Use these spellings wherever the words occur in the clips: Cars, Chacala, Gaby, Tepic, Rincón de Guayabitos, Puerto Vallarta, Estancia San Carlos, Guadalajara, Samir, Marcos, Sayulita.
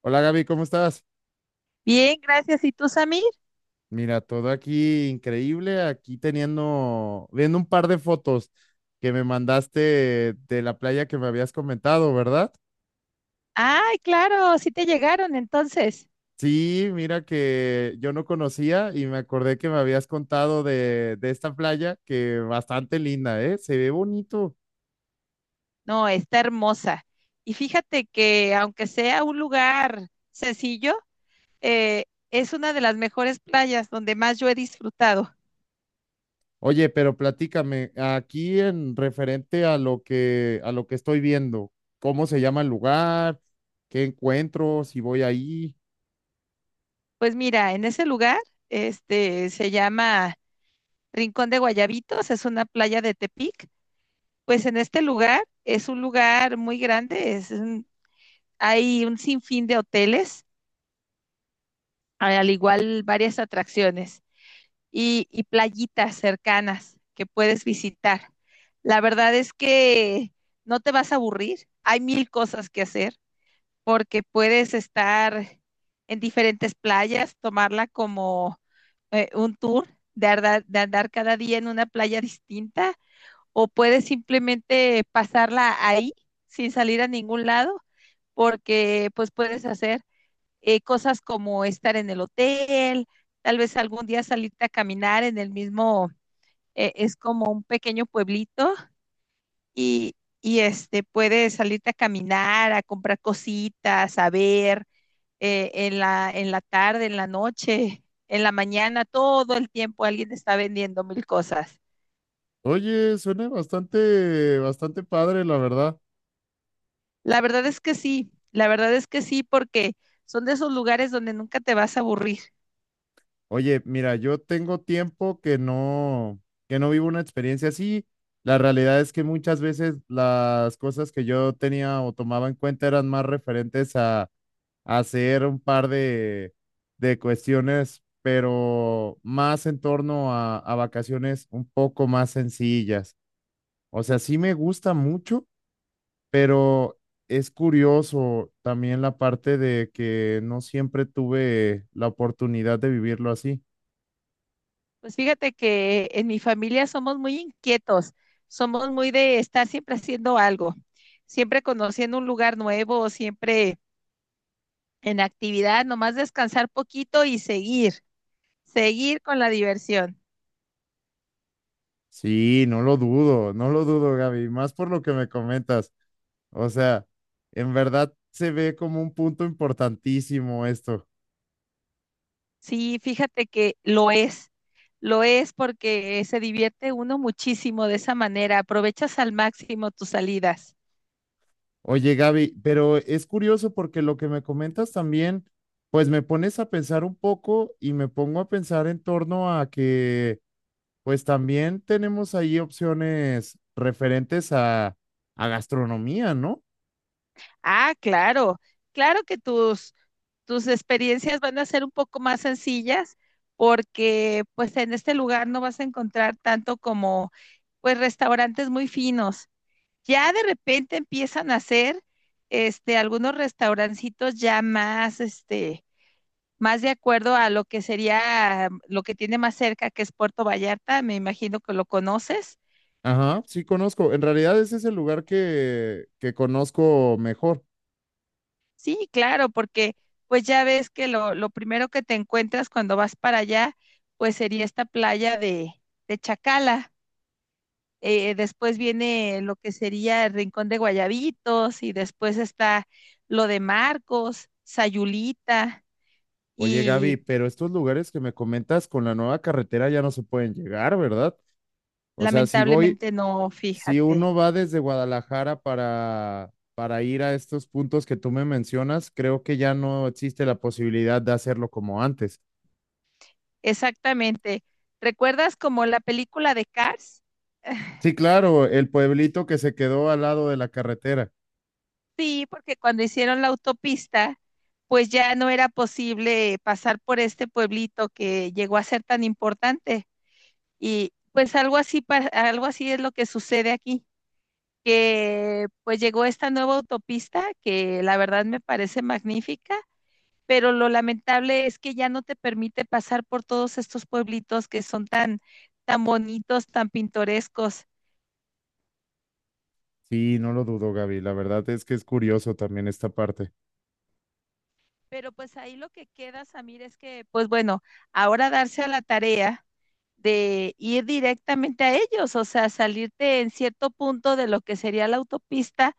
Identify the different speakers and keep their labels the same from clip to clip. Speaker 1: Hola Gaby, ¿cómo estás?
Speaker 2: Bien, gracias. ¿Y tú, Samir?
Speaker 1: Mira, todo aquí increíble, aquí teniendo, viendo un par de fotos que me mandaste de la playa que me habías comentado, ¿verdad?
Speaker 2: Ay, claro, sí te llegaron entonces.
Speaker 1: Sí, mira que yo no conocía y me acordé que me habías contado de esta playa que bastante linda, ¿eh? Se ve bonito.
Speaker 2: No, está hermosa. Y fíjate que aunque sea un lugar sencillo, eh, es una de las mejores playas donde más yo he disfrutado.
Speaker 1: Oye, pero platícame, aquí en referente a a lo que estoy viendo, ¿cómo se llama el lugar? ¿Qué encuentro? Si voy ahí.
Speaker 2: Pues mira, en ese lugar, se llama Rincón de Guayabitos, es una playa de Tepic. Pues en este lugar es un lugar muy grande, hay un sinfín de hoteles, al igual varias atracciones. Y playitas cercanas que puedes visitar. La verdad es que no te vas a aburrir, hay mil cosas que hacer porque puedes estar en diferentes playas, tomarla como un tour de andar cada día en una playa distinta o puedes simplemente pasarla ahí sin salir a ningún lado porque pues puedes hacer cosas como estar en el hotel, tal vez algún día salirte a caminar en el mismo. Eh, es como un pequeño pueblito y, y puedes salirte a caminar, a comprar cositas, a ver. En la tarde, en la noche, en la mañana, todo el tiempo alguien está vendiendo mil cosas.
Speaker 1: Oye, suena bastante, bastante padre, la verdad.
Speaker 2: La verdad es que sí, la verdad es que sí, porque son de esos lugares donde nunca te vas a aburrir.
Speaker 1: Oye, mira, yo tengo tiempo que no vivo una experiencia así. La realidad es que muchas veces las cosas que yo tenía o tomaba en cuenta eran más referentes a hacer un par de cuestiones, pero más en torno a vacaciones un poco más sencillas. O sea, sí me gusta mucho pero es curioso también la parte de que no siempre tuve la oportunidad de vivirlo así.
Speaker 2: Pues fíjate que en mi familia somos muy inquietos, somos muy de estar siempre haciendo algo, siempre conociendo un lugar nuevo, siempre en actividad, nomás descansar poquito y seguir, seguir con la diversión.
Speaker 1: Sí, no lo dudo, no lo dudo, Gaby, más por lo que me comentas. O sea, en verdad se ve como un punto importantísimo esto.
Speaker 2: Sí, fíjate que lo es porque se divierte uno muchísimo de esa manera, aprovechas al máximo tus salidas.
Speaker 1: Oye, Gaby, pero es curioso porque lo que me comentas también, pues me pones a pensar un poco y me pongo a pensar en torno a que pues también tenemos ahí opciones referentes a gastronomía, ¿no?
Speaker 2: Ah, claro, claro que tus experiencias van a ser un poco más sencillas porque pues en este lugar no vas a encontrar tanto como pues restaurantes muy finos. Ya de repente empiezan a hacer algunos restaurancitos ya más más de acuerdo a lo que sería lo que tiene más cerca, que es Puerto Vallarta, me imagino que lo conoces.
Speaker 1: Ajá, sí conozco. En realidad ese es el lugar que conozco mejor.
Speaker 2: Sí, claro, porque pues ya ves que lo primero que te encuentras cuando vas para allá, pues sería esta playa de Chacala. Después viene lo que sería el Rincón de Guayabitos y después está lo de Marcos, Sayulita
Speaker 1: Oye, Gaby,
Speaker 2: y
Speaker 1: pero estos lugares que me comentas con la nueva carretera ya no se pueden llegar, ¿verdad? O sea, si voy,
Speaker 2: lamentablemente no,
Speaker 1: si
Speaker 2: fíjate.
Speaker 1: uno va desde Guadalajara para ir a estos puntos que tú me mencionas, creo que ya no existe la posibilidad de hacerlo como antes.
Speaker 2: Exactamente. ¿Recuerdas como la película de Cars?
Speaker 1: Sí, claro, el pueblito que se quedó al lado de la carretera.
Speaker 2: Sí, porque cuando hicieron la autopista, pues ya no era posible pasar por este pueblito que llegó a ser tan importante. Y pues algo así, algo así es lo que sucede aquí, que pues llegó esta nueva autopista, que la verdad me parece magnífica, pero lo lamentable es que ya no te permite pasar por todos estos pueblitos que son tan, tan bonitos, tan pintorescos.
Speaker 1: Sí, no lo dudo, Gaby. La verdad es que es curioso también esta parte.
Speaker 2: Pero pues ahí lo que queda, Samir, es que pues bueno, ahora darse a la tarea de ir directamente a ellos, o sea, salirte en cierto punto de lo que sería la autopista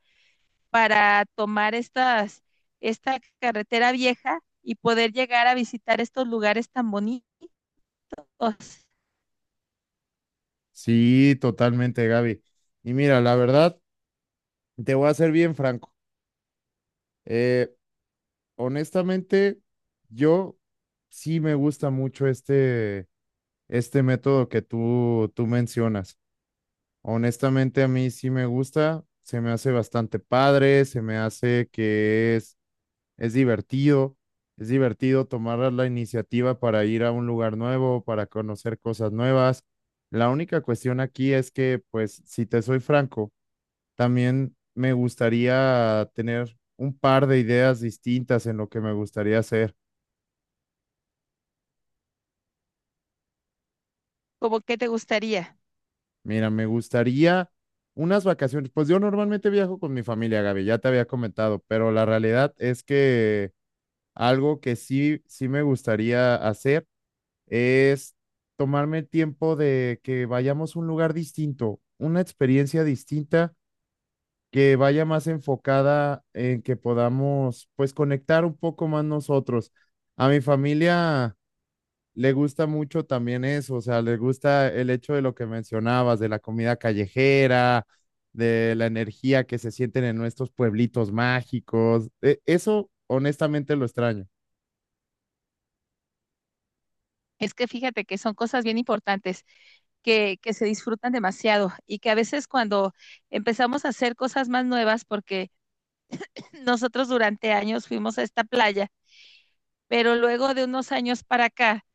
Speaker 2: para tomar esta carretera vieja y poder llegar a visitar estos lugares tan bonitos.
Speaker 1: Sí, totalmente, Gaby. Y mira, la verdad, te voy a ser bien franco. Eh, Honestamente, yo sí me gusta mucho este método que tú mencionas. Honestamente, a mí sí me gusta. Se me hace bastante padre, se me hace que es divertido, es divertido tomar la iniciativa para ir a un lugar nuevo, para conocer cosas nuevas. La única cuestión aquí es que, pues, si te soy franco, también me gustaría tener un par de ideas distintas en lo que me gustaría hacer.
Speaker 2: ¿Cómo que te gustaría?
Speaker 1: Mira, me gustaría unas vacaciones. Pues yo normalmente viajo con mi familia, Gaby, ya te había comentado, pero la realidad es que algo que sí me gustaría hacer es tomarme el tiempo de que vayamos a un lugar distinto, una experiencia distinta que vaya más enfocada en que podamos pues conectar un poco más nosotros. A mi familia le gusta mucho también eso, o sea, le gusta el hecho de lo que mencionabas, de la comida callejera, de la energía que se sienten en nuestros pueblitos mágicos. E- eso honestamente lo extraño.
Speaker 2: Es que fíjate que son cosas bien importantes, que se disfrutan demasiado y que a veces cuando empezamos a hacer cosas más nuevas, porque nosotros durante años fuimos a esta playa, pero luego de unos años para acá,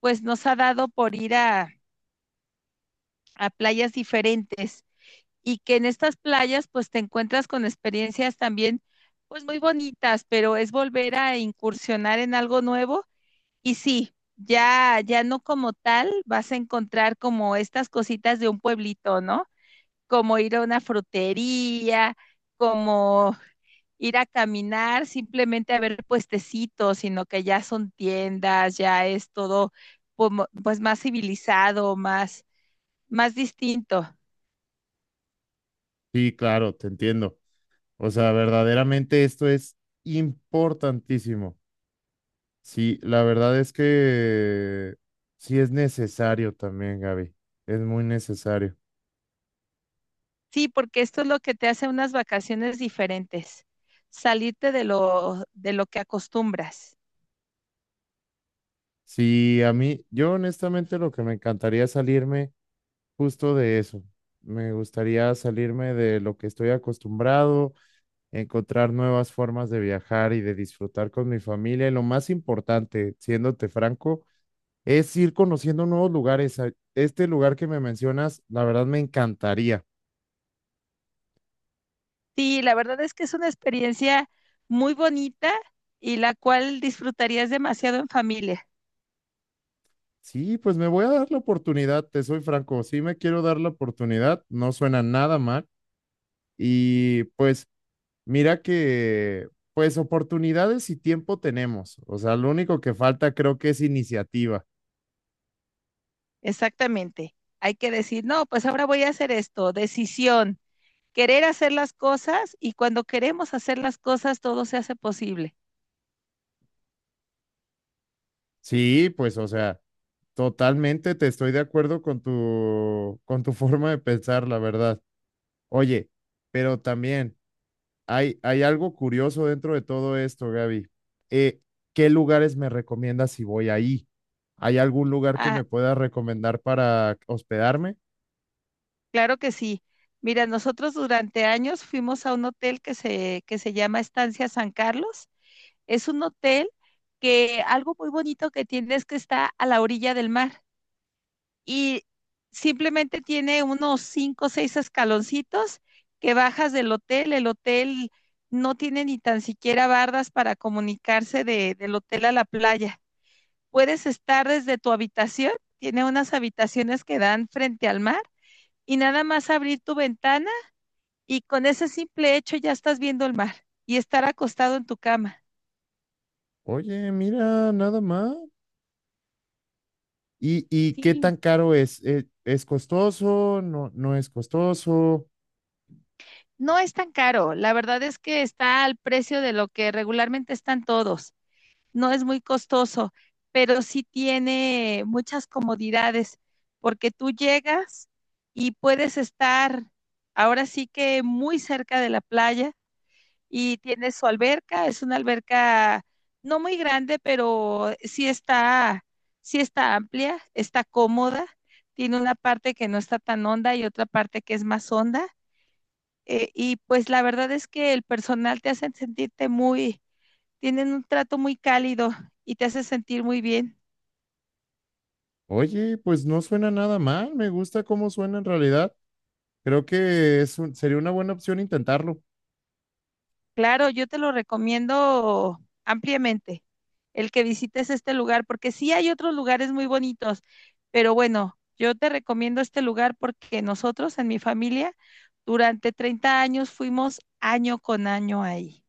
Speaker 2: pues nos ha dado por ir a playas diferentes y que en estas playas pues te encuentras con experiencias también pues muy bonitas, pero es volver a incursionar en algo nuevo. Y sí, ya no como tal vas a encontrar como estas cositas de un pueblito, ¿no? Como ir a una frutería, como ir a caminar, simplemente a ver puestecitos, sino que ya son tiendas, ya es todo como, pues más civilizado, más distinto.
Speaker 1: Sí, claro, te entiendo. O sea, verdaderamente esto es importantísimo. Sí, la verdad es que sí es necesario también, Gaby. Es muy necesario.
Speaker 2: Sí, porque esto es lo que te hace unas vacaciones diferentes, salirte de de lo que acostumbras.
Speaker 1: Sí, a mí, yo honestamente lo que me encantaría es salirme justo de eso. Me gustaría salirme de lo que estoy acostumbrado, encontrar nuevas formas de viajar y de disfrutar con mi familia. Y lo más importante, siéndote franco, es ir conociendo nuevos lugares. A- este lugar que me mencionas, la verdad me encantaría.
Speaker 2: Sí, la verdad es que es una experiencia muy bonita y la cual disfrutarías demasiado en familia.
Speaker 1: Sí, pues me voy a dar la oportunidad, te soy franco, sí me quiero dar la oportunidad, no suena nada mal. Y pues mira que, pues oportunidades y tiempo tenemos. O sea, lo único que falta creo que es iniciativa.
Speaker 2: Exactamente. Hay que decir, no, pues ahora voy a hacer esto, decisión. Querer hacer las cosas, y cuando queremos hacer las cosas todo se hace posible.
Speaker 1: Sí, pues o sea, totalmente te estoy de acuerdo con tu forma de pensar, la verdad. Oye, pero también hay algo curioso dentro de todo esto, Gaby. Eh, ¿Qué lugares me recomiendas si voy ahí? ¿Hay algún lugar que
Speaker 2: Ah,
Speaker 1: me pueda recomendar para hospedarme?
Speaker 2: claro que sí. Mira, nosotros durante años fuimos a un hotel que que se llama Estancia San Carlos. Es un hotel que, algo muy bonito que tiene, es que está a la orilla del mar. Y simplemente tiene unos cinco o seis escaloncitos que bajas del hotel. El hotel no tiene ni tan siquiera bardas para comunicarse del hotel a la playa. Puedes estar desde tu habitación, tiene unas habitaciones que dan frente al mar, y nada más abrir tu ventana y con ese simple hecho ya estás viendo el mar y estar acostado en tu cama.
Speaker 1: Oye, mira, nada más. Y qué
Speaker 2: Sí,
Speaker 1: tan caro es? Es costoso? ¿No, no es costoso?
Speaker 2: no es tan caro, la verdad es que está al precio de lo que regularmente están todos. No es muy costoso, pero sí tiene muchas comodidades, porque tú llegas y puedes estar ahora sí que muy cerca de la playa. Y tiene su alberca, es una alberca no muy grande, pero sí está amplia, está cómoda, tiene una parte que no está tan honda y otra parte que es más honda. Y pues la verdad es que el personal te hace sentirte muy, tienen un trato muy cálido y te hace sentir muy bien.
Speaker 1: Oye, pues no suena nada mal. Me gusta cómo suena en realidad. Creo que es un- sería una buena opción intentarlo.
Speaker 2: Claro, yo te lo recomiendo ampliamente, el que visites este lugar, porque sí hay otros lugares muy bonitos, pero bueno, yo te recomiendo este lugar porque nosotros en mi familia durante 30 años fuimos año con año ahí.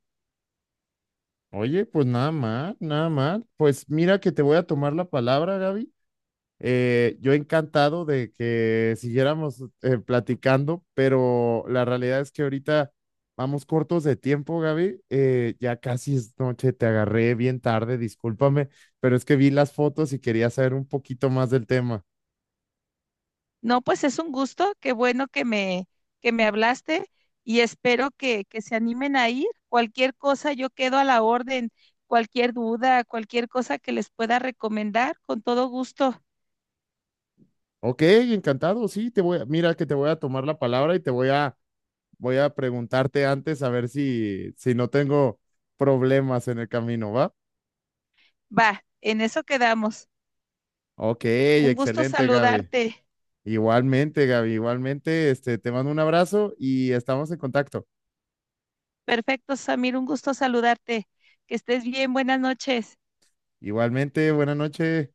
Speaker 1: Oye, pues nada mal, nada mal. Pues mira que te voy a tomar la palabra, Gaby. Yo encantado de que siguiéramos platicando, pero la realidad es que ahorita vamos cortos de tiempo, Gaby. Ya casi es noche, te agarré bien tarde, discúlpame, pero es que vi las fotos y quería saber un poquito más del tema.
Speaker 2: No, pues es un gusto, qué bueno que que me hablaste y espero que se animen a ir. Cualquier cosa, yo quedo a la orden, cualquier duda, cualquier cosa que les pueda recomendar, con todo gusto.
Speaker 1: Ok, encantado, sí, mira que te voy a tomar la palabra y te voy voy a preguntarte antes a ver si, si no tengo problemas en el camino, ¿va?
Speaker 2: Va, en eso quedamos.
Speaker 1: Ok,
Speaker 2: Un gusto
Speaker 1: excelente, Gaby.
Speaker 2: saludarte.
Speaker 1: Igualmente, Gaby, igualmente, este, te mando un abrazo y estamos en contacto.
Speaker 2: Perfecto, Samir, un gusto saludarte. Que estés bien, buenas noches.
Speaker 1: Igualmente, buena noche.